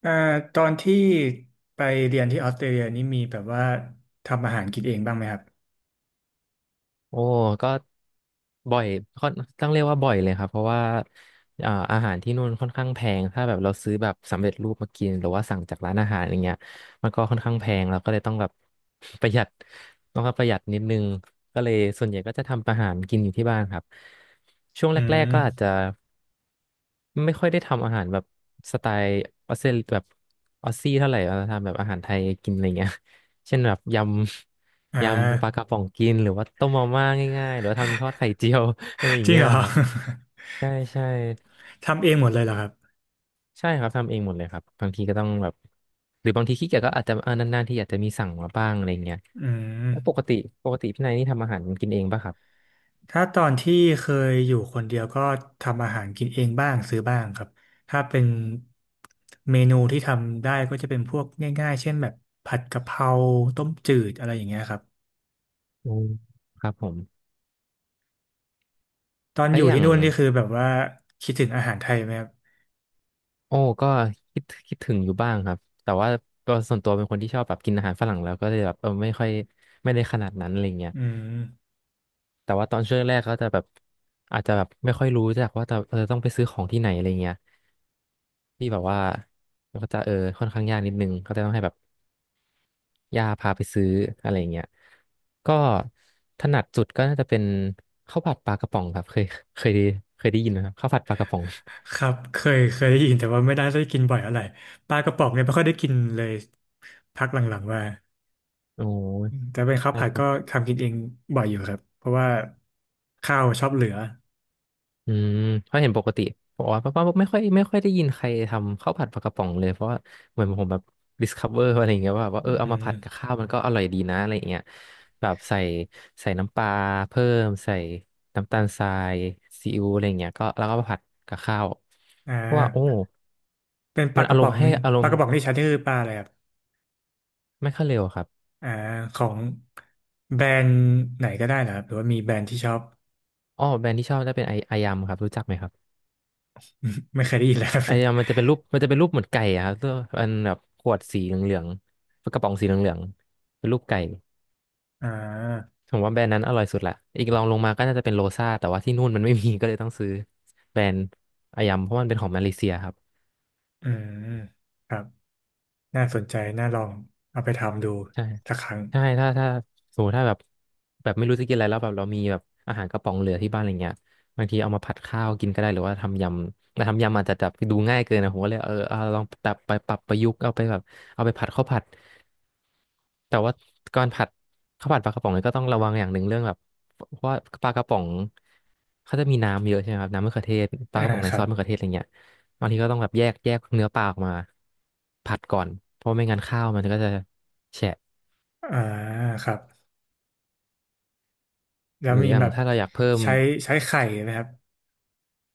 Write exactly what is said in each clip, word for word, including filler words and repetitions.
เอ่อตอนที่ไปเรียนที่ออสเตรเลียนี่มีแบบว่าทำอาหารกินเองบ้างไหมครับโอ้ก็บ่อยค่อนต้องเรียกว่าบ่อยเลยครับเพราะว่าอ่าอาหารที่นู่นค่อนข้างแพงถ้าแบบเราซื้อแบบสำเร็จรูปมากินหรือว่าสั่งจากร้านอาหารอย่างเงี้ยมันก็ค่อนข้างแพงเราก็เลยต้องแบบ ประหยัดต้องประหยัดนิดนึงก็เลยส่วนใหญ่ก็จะทำอาหารกินอยู่ที่บ้านครับช่วงอืแรกๆมก็อาจจะ ไม่ค่อยได้ทำอาหารแบบสไตล์ออสเตรแบบออสซี่เท่าไหร่เราทำแบบอาหารไทยกินอะไรเงี้ย เช่นแบบยอ่ำยำปลาการะป๋องกินหรือว่าต้มมาม่าง่ายๆหรือว่าทำทอดไข่เจียว อะไรอย่าจงริงเงี้เหยรอ ครับใช่ใช่ ทำเองหมดเลยเหรอครับใช่ครับทำเองหมดเลยครับบางทีก็ต้องแบบหรือบางทีขี้เกียจก็อาจจะเออนานๆที่อยาจจะมีสั่งมาบ้างอะไรเงี้ยอืแล้วปกมติปกติพี่นายนี่ทำอาหารกินเองป่ะครับถ้าตอนที่เคยอยู่คนเดียวก็ทำอาหารกินเองบ้างซื้อบ้างครับ ถ้าเป็นเมนูที่ทำได้ก็จะเป็นพวกง่ายๆเช่นแบบผัดกะเพราต้มจืดอะไรอย่างเงี้ยครับอืมครับผมตอนแล้อวยู่อย่าที่ง นู่นนี่คือแบบว่าคิดถึงอาหารไทยไหมครับโอ้ก็คิดคิดถึงอยู่บ้างครับแต่ว่าก็ส่วนตัวเป็นคนที่ชอบแบบกินอาหารฝรั่งแล้วก็เลยแบบเออไม่ค่อยไม่ได้ขนาดนั้นอะไรเงี้ยอืม แต่ว่าตอนช่วงแรกก็จะแบบอาจจะแบบไม่ค่อยรู้จักว่าจะเออต้องไปซื้อของที่ไหนอะไรเงี้ยที่แบบว่าก็จะเออค่อนข้างยากนิดนึงก็จะต้องให้แบบย่าพาไปซื้ออะไรเงี้ยก็ถนัดสุดก็น่าจะเป็นข้าวผัดปลากระป๋องครับเคยเคยได้เคยได้ยินไหมครับข้าวผัดปลากระป๋องครับเคยเคยได้ยินแต่ว่าไม่ได้ได้กินบ่อยอะไรปลากระป๋องเนี่ยไม่ค่อยได้กินเลยพักหลังๆมาโออืม้ แต่เป็นข้าวผัดก็ทำกินเองบ่อยอยู่ครับเพราะว่าข้าวชอบเหลืออืมเพราะเห็นปกติบอกว่าป้าป้าไม่ค่อยไม่ค่อยได้ยินใครทำข้าวผัดปลากระป๋องเลยเพราะว่าเหมือนผมแบบ ดิสคัฟเวอร์ อะไรอย่างเงี้ยว่าแบบว่าอืเออเอามาผัดกับมข้าวมันก็อร่อยดีนะอะไรอย่างเงี้ยแบบใส่ใส่น้ำปลาเพิ่มใส่น้ำตาลทรายซีอิ๊วอะไรอย่างเงี้ยก็แล้วก็มาผัดกับข้าวอ่เพราะว่าโอ้าเป็นปลามันกอาระรป๋มองณ์ให้นี่อารปลามกณ์ระป๋องที่ใช้นี่คือปลาอะไรครับไม่ค่อยเร็วครับอ่าของแบรนด์ไหนก็ได้นะครับหรือว่ามีแบรนด์ที่ชอบ อ๋อแบรนด์ที่ชอบจะเป็นไอไอยำครับรู้จักไหมครับ ไม่เคยได้ยินแล้วครับ ไอ้อะมันจะเป็นรูปมันจะเป็นรูปเหมือนไก่อะครับตัวอันแบบขวดสีเหลืองๆกระป๋องสีเหลืองๆเป็นรูปไก่อ่าผมว่าแบรนด์นั้นอร่อยสุดละอีกรองลงมาก็น่าจะเป็นโรซ่าแต่ว่าที่นู่นมันไม่มี ก็เลยต้องซื้อแบรนด์อายมเพราะมันเป็นของมาเลเซียครับ อืมครับน่าสนใจน่าลองเอาไปทำดูใช่สักครั้งใช่ถ้าถ้าสมมติถ้าแบบแบบไม่รู้จะกินอะไรแล้วแบบเรามีแบบอาหารกระป๋องเหลือที่บ้านอะไรเงี้ยบางทีเอามาผัดข้าวกินก็ได้หรือว่าทำยำแต่ทำยำอาจจะแบบดูง่ายเกินนะผมก็เลยเออเอาลองแบบไปปรับประยุกต์เอาไปแบบเอาไปผัดข้าวผัดแต่ว่าก่อนผัดข้าวผัดปลากระป๋องเนี่ยก็ต้องระวังอย่างหนึ่งเรื่องแบบเพราะว่าปลากระป๋องเขาจะมีน้ำเยอะใช่ไหมครับน้ำมะเขือเทศปลาอ่ากระป๋องในครัซอบสมะเขือเทศอะไรเงี้ยบางทีก็ต้องแบบแยกแยกเนื้อปลาออกมาผัดก่อนเพราะไม่งั้นข้าวมันก็จะแฉะ อ่าครับ แล้วหรือมีอย่าแบงบถ้าเราอยากเพิ่มใช้ใช้ไข่ไหมครับ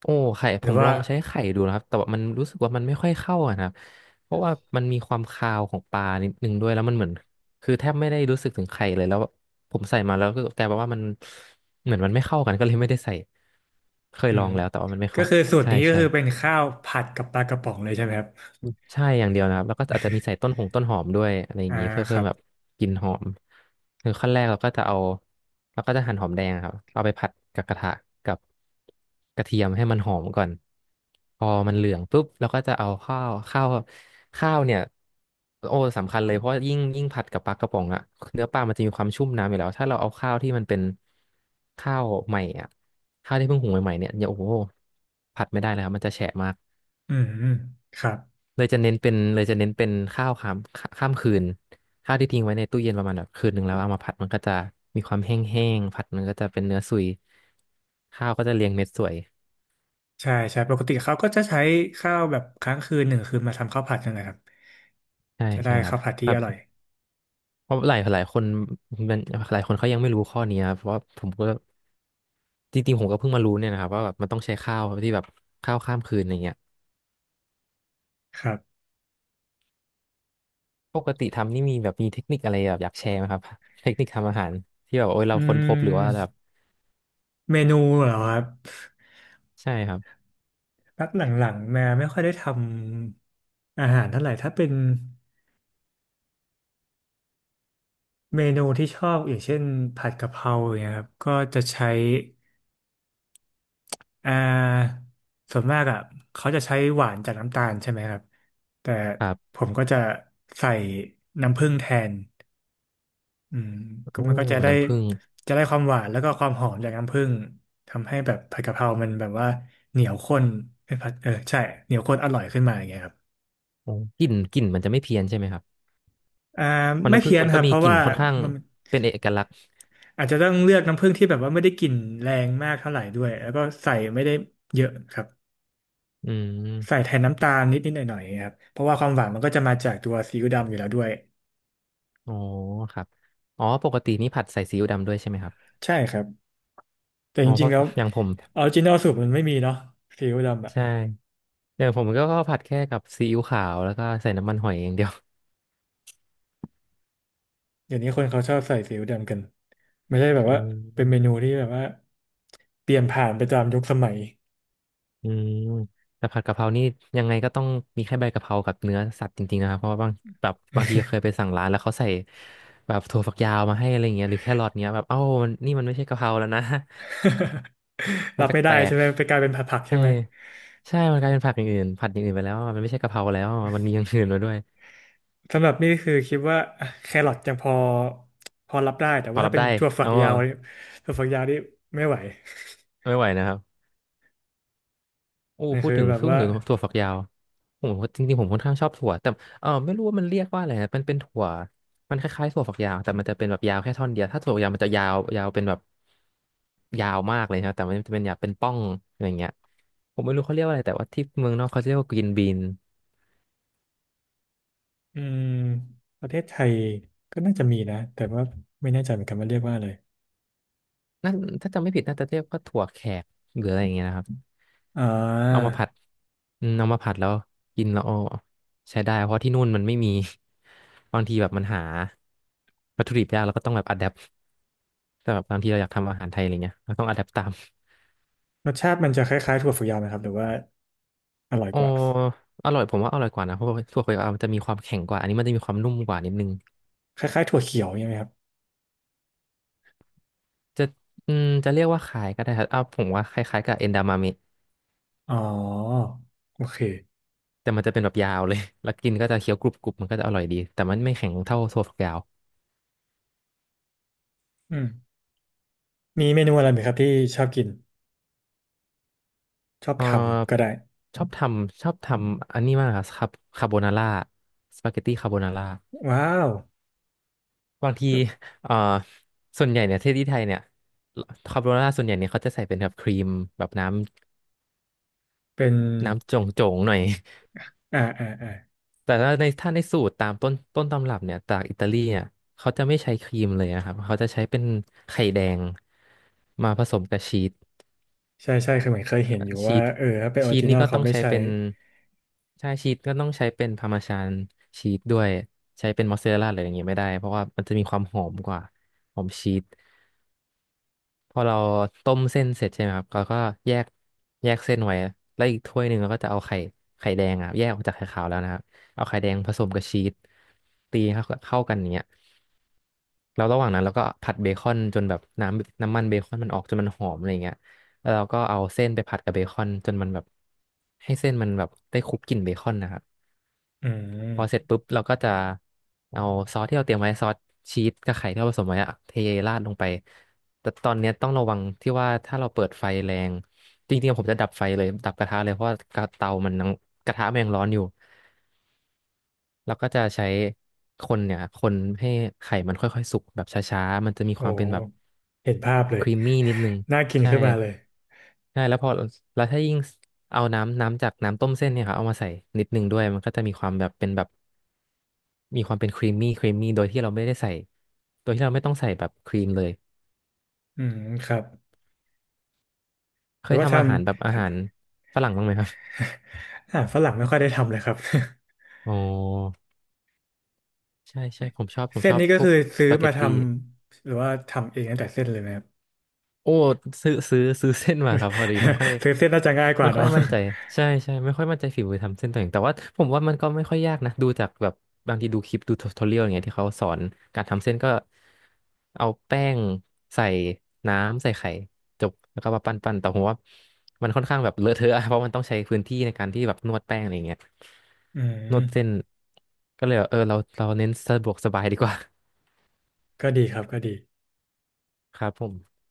โอ้ไข่หผรือมลว่าองใช้ไข่ดูนะครับแต่ว่ามันรู้สึกว่ามันไม่ค่อยเข้าอะนะครับเพราะว่ามันมีความคาวของปลานิดนึงด้วยแล้วมันเหมือนคือแทบไม่ได้รู้สึกถึงไข่เลยแล้วผมใส่มาแล้วก็กลายเป็นว่ามันเหมือนมันไม่เข้ากันก็เลยไม่ได้ใส่เคยอืลอมงแล้วแต่ว่ามันไม่ก็เข้าคือสูตรใช่นี้ก็ใช่ คือเป็นข้าวผัดกับปลากระป๋องเลยใช่ไหมครับใช่อย่างเดียวนะครับแล้วก็อาจจะมีใส่ต้นหงต้นหอมด้วยอะไรอย่าอ่างนี้เพื่อคเพิ่รัมบแบบกลิ่นหอมคือขั้นแรกเราก็จะเอาเราก็จะหั่นหอมแดงครับเอาไปผัดกับกระทะกับกระเทียมให้มันหอมก่อนพอมันเหลืองปุ๊บเราก็จะเอาข้าวข้าวข้าวเนี่ยโอ้สำคัญเลยเพราะยิ่งยิ่งผัดกับปลากระป๋องอะเนื้อปลามันจะมีความชุ่มน้ำอยู่แล้วถ้าเราเอาข้าวที่มันเป็นข้าวใหม่อะข้าวที่เพิ่งหุงใหม่ๆเนี่ยอย่าโอ้โหผัดไม่ได้เลยครับมันจะแฉะมาก อืมอืมครับเลยจะเน้นเป็นเลยจะเน้นเป็นข้าวข้ามข้ามคืนข้าวที่ทิ้งไว้ในตู้เย็นประมาณแบบคืนหนึ่งแล้วเอามาผัดมันก็จะมีความแห้งๆผัดมันก็จะเป็นเนื้อสุยข้าวก็จะเรียงเม็ดสวยใช่ใช่ปกติเขาก็จะใช้ข้าวแบบค้างคืนหนึ่งคืนมาทำข้าวผัดกันนะครับใช่จะได้ใช่ครัข้าบวผัดที่แบอบร่อยเพราะหลายหลายคนมันหลายคนเขายังไม่รู้ข้อนี้ครับเพราะว่าผมก็จริงๆผมก็เพิ่งมารู้เนี่ยนะครับว่าแบบมันต้องใช้ข้าวที่แบบข้าวข้ามคืนอะไรเงี้ยครับปกติทำนี่มีแบบมีเทคนิคอะไรแบบอยากแชร์ไหมครับเทคนิคทำอาหารที่แบบโอ้ยอืเราค้นพบหรือว่าแบบมเมนูเหรอครับใช่ครับพักหลังๆแม่ไม่ค่อยได้ทำอาหารเท่าไหร่ถ้าเป็นเมนูที่ชอบอย่างเช่นผัดกะเพราอย่างเงี้ยครับก็จะใช้ อ่าส่วนมากอ่ะเขาจะใช้หวานจากน้ำตาลใช่ไหมครับแต่ครับผมก็จะใส่น้ำผึ้งแทนอืมก็โอ้มันก็จะได้น้ำผึ้ง จะได้ความหวานแล้วก็ความหอมจากน้ำผึ้งทำให้แบบผัดกะเพรามันแบบว่าเหนียวข้นเอ้ยผัดเออใช่เหนียวข้นอร่อยขึ้นมาอย่างเงี้ยครับอ๋อกลิ่นกลิ่นมันจะไม่เพี้ยนใช่ไหมครับอ่าเพราะไม่น้ำผึ้งเพี้ยนมันคก็รับมีเพราะกลิ่นว่าค่อนข้างมันเป็นเอกลักษณ์อาจจะต้องเลือกน้ำผึ้งที่แบบว่าไม่ได้กลิ่นแรงมากเท่าไหร่ด้วยแล้วก็ใส่ไม่ได้เยอะครับ อืใส่มแทนน้ำตาลนิดนิดหน่อยหน่อยครับเพราะว่าความหวานมันก็จะมาจากตัวซีอิ๊วดำอยู่แล้วด้วยอ๋อครับอ๋อปกตินี่ผัดใส่ซีอิ๊วดำด้วยใช่ไหมครับใช่ครับแต่อ๋จอเพริงราะๆแล้วอย่างผมออริจินอลสูตรมันไม่มีเนาะซีอิ๊วดำอะใช่อย่างผมก็ก็ผัดแค่กับซีอิ๊วขาวแล้วก็ใส่น้ำมันหอยอย่างเดียว เดี๋ยวนี้คนเขาชอบใส่ซีอิ๊วดำกันไม่ใช่แบบโอว่าเป็นเม้นูที่แบบว่าเปลี่ยนผ่านไปตามยุคสมัย อืมแต่ผัดกะเพรานี่ยังไงก็ต้องมีแค่ใบกะเพรากับเนื้อสัตว์จริงๆนะครับเพราะว่าบางแบบบางทีเคยไปสั่งร้านแล้วเขาใส่แบบถั่วฝักยาวมาให้อะไรเงี้ยหรือแครอทเงี้ยแบบเอ้ามันนี่มันไม่ใช่กะเพราแล้วนะ มัรันบแไม่ได้ปลใช่ก ไหมไปกลายเป็นผัดผักใช่ใช่ไหมใช่มันกลายเป็นผักอย่างอื่นผัดอย่างอื่นไปแล้วอะมันไม่ใช่กะเพราแล้วอะมันมีอย่างอื่นมาด้วยสำหรับนี่คือคิดว่าแครอทยังพอพอรับได้แต่พว่าอรัถ้าบเป็นได้ถั่วฝักเอายาอ่ะวเนี่ยถั่วฝักยาวนี่ไม่ไหว ไม่ไหวนะครับโอ้ มันพูดคือถึงแบบพูดว่า ถึงถั่วฝักยาวผมจริงๆผมค่อนข้างชอบถั่วแต่เออไม่รู้ว่ามันเรียกว่าอะไรนะมันเป็นถั่วมันคล้ายๆถั่วฝักยาวแต่มันจะเป็นแบบยาวแค่ท่อนเดียวถ้าถั่วฝักยาวมันจะยาวยาวเป็นแบบยาวมากเลยนะแต่มันจะเป็นยาวเป็นป้องอะไรอย่างเงี้ยผมไม่รู้เขาเรียกว่าอะไรแต่ว่าที่เมืองนอกเขาเรียกว่า green bean อืมประเทศไทยก็น่าจะมีนะแต่ว่าไม่แน่ใจเหมือนกันว่าเรียกว่าอะไรนั่นถ้าจำไม่ผิดน่าจะเรียกว่าถั่วแขกหรืออะไรอย่างเงี้ยนะครับอ่เอาามาผัดอืมเอามาผัดแล้วกินแล้วเอาใช้ได้เพราะที่นู่นมันไม่มี บางทีแบบมันหาวัตถุดิบยากแล้วก็ต้องแบบอัดแอปแต่แบบบางทีเราอยากทำอาหารไทยอะไรเงี้ยเราต้องอัดแอปตามรสชาติมันจะคล้ายๆถั่วฝักยาวไหมครับหรือว่าอร่อยอ๋อกว่าอร่อยผมว่าอร่อยกว่านะเพราะว่าถั่วเขียวมันจะมีความแข็งกว่าอันนี้มันจะมีความนุ่มกว่านิดนึงคล้ายๆถั่วเขียวใช่างเงี้ยไหมครับจะอืมจะเรียกว่าคล้ายก็ได้ครับอ้าวผมว่าคล้ายๆกับเอนดามาม อ๋อโอเคแต่มันจะเป็นแบบยาวเลย แล้วกินก็จะเคี้ยวกรุบกรุบมันก็จะอร่อยดี แต่มันไม่แข็งเท่าถั่วฝักยาวอืมมีเมนูอะไรไหมครับที่ชอบกินชอบเอทำก็อได้ชอบทำชอบทำอันนี้มากครับคาโบนาร่าสปาเกตตี้คาโบนาร่าว้าวบางทีเออส่วนใหญ่เนี่ยที่ที่ไทยเนี่ยคาโบนาร่าส่วนใหญ่เนี่ยเขาจะใส่เป็นแบบครีมแบบน้เป็นำน้ำจงจงๆหน่อย อ่าอ่าอ่าแต่ถ้าในถ้าในสูตรตามต้นต้นตำรับเนี่ยจากอิตาลีเนี่ยเขาจะไม่ใช้ครีมเลยนะครับเขาจะใช้เป็นไข่แดงมาผสมกับชีส ใช่ใช่คือเหมือนเคยเห็นอยู่ชีว่าสเออถ้าเป็นออชีริสจินนี่อลก็เขาต้องไม่ใช้ใช้เป็นใช่ชีสก็ต้องใช้เป็นพาร์มาชานชีสด้วยใช้เป็นมอสซาเรลล่าอะไรอย่างเงี้ยไม่ได้เพราะว่ามันจะมีความหอมกว่าหอมชีสพอเราต้มเส้นเสร็จใช่ไหมครับเราก็แยกแยกเส้นไว้แล้วอีกถ้วยหนึ่งเราก็จะเอาไข่ไข่แดงอ่ะแยกออกจากไข่ขาวแล้วนะครับเอาไข่แดงผสมกับชีสตีให้เข้าเข้ากันอย่างเงี้ยแล้วระหว่างนั้นเราก็ผัดเบคอนจนแบบน้ำน้ำมันเบคอนมันออกจนมันหอมอะไรอย่างเงี้ย แล้วเราก็เอาเส้นไปผัดกับเบคอนจนมันแบบให้เส้นมันแบบได้คลุกกลิ่นเบคอนนะครับอืพอเสร็จมปุ๊บเราก็จะเอาซอสที่เราเตรียมไว้ซอสชีสกับไข่ที่เราผสมไว้อะเทราดลงไปแต่ตอนเนี้ยต้องระวังที่ว่าถ้าเราเปิดไฟแรงจริงๆผมจะดับไฟเลยดับกระทะเลยเพราะว่ากระเตามันยังกระทะมันยังร้อนอยู่แล้วก็จะใช้คนเนี่ยคนให้ไข่มันค่อยๆสุกแบบช้าๆมันจะมีโอ้ความเป็นแบบเห็นภาพเลคย รีมมี่นิดนึง น่ากินใช่ขึ้นมาเลยใช่ แล้วพอ แล้วถ้ายิ่งเอาน้ำน้ำจากน้ำต้มเส้นเนี่ยครับเอามาใส่นิดนึงด้วยมันก็จะมีความแบบเป็นแบบ มีความเป็นครีมมี่ครีมมี่โดยที่เราไม่ได้ใส่ โดยที่เราไม่ต้องใส่แบบครีมเลยอืมครับเคแปลยว่าทำทำ อาหารแบบอาหารฝรั่งบ้างไหมครับอาหารฝรั่งไม่ค่อยได้ทำเลยครับ อ๋อใช่ใช่ผมชอบ ผ มเส้นชอบนี้ก็พวคืกอซื้สอปาเกมาตทตี้ ำหรือว่าทำเองตั้งแต่เส้นเลยไหมครับ โอ้ซื้อซื้อซื้อเส้นมาครับพอดีไม่ค่อย ซื้อเส้นน่าจะง่ายกว่าไม่ค่อยเนาะ มั่นใจใช่ใช่ไม่ค่อยมั่นใจฝีมือทำเส้นตัวเองแต่ว่าผมว่ามันก็ไม่ค่อยยากนะดูจากแบบบางทีดูคลิปดูทูทอเรียลอย่างเงี้ยที่เขาสอนการทำเส้นก็เอาแป้งใส่น้ำใส่ไข่จบแล้วก็มาปั้นปั้นแต่ผมว่ามันค่อนข้างแบบเลอะเทอะอะเพราะมันต้องใช้พื้นที่ในการที่แบบนวดแป้งอะไรอย่างเงี้ย อืนมวดเส้นก็เลยแบบเออเราเราเน้นสะดวกสบายดีกว่า ก็ดีครับก็ดี ครับผม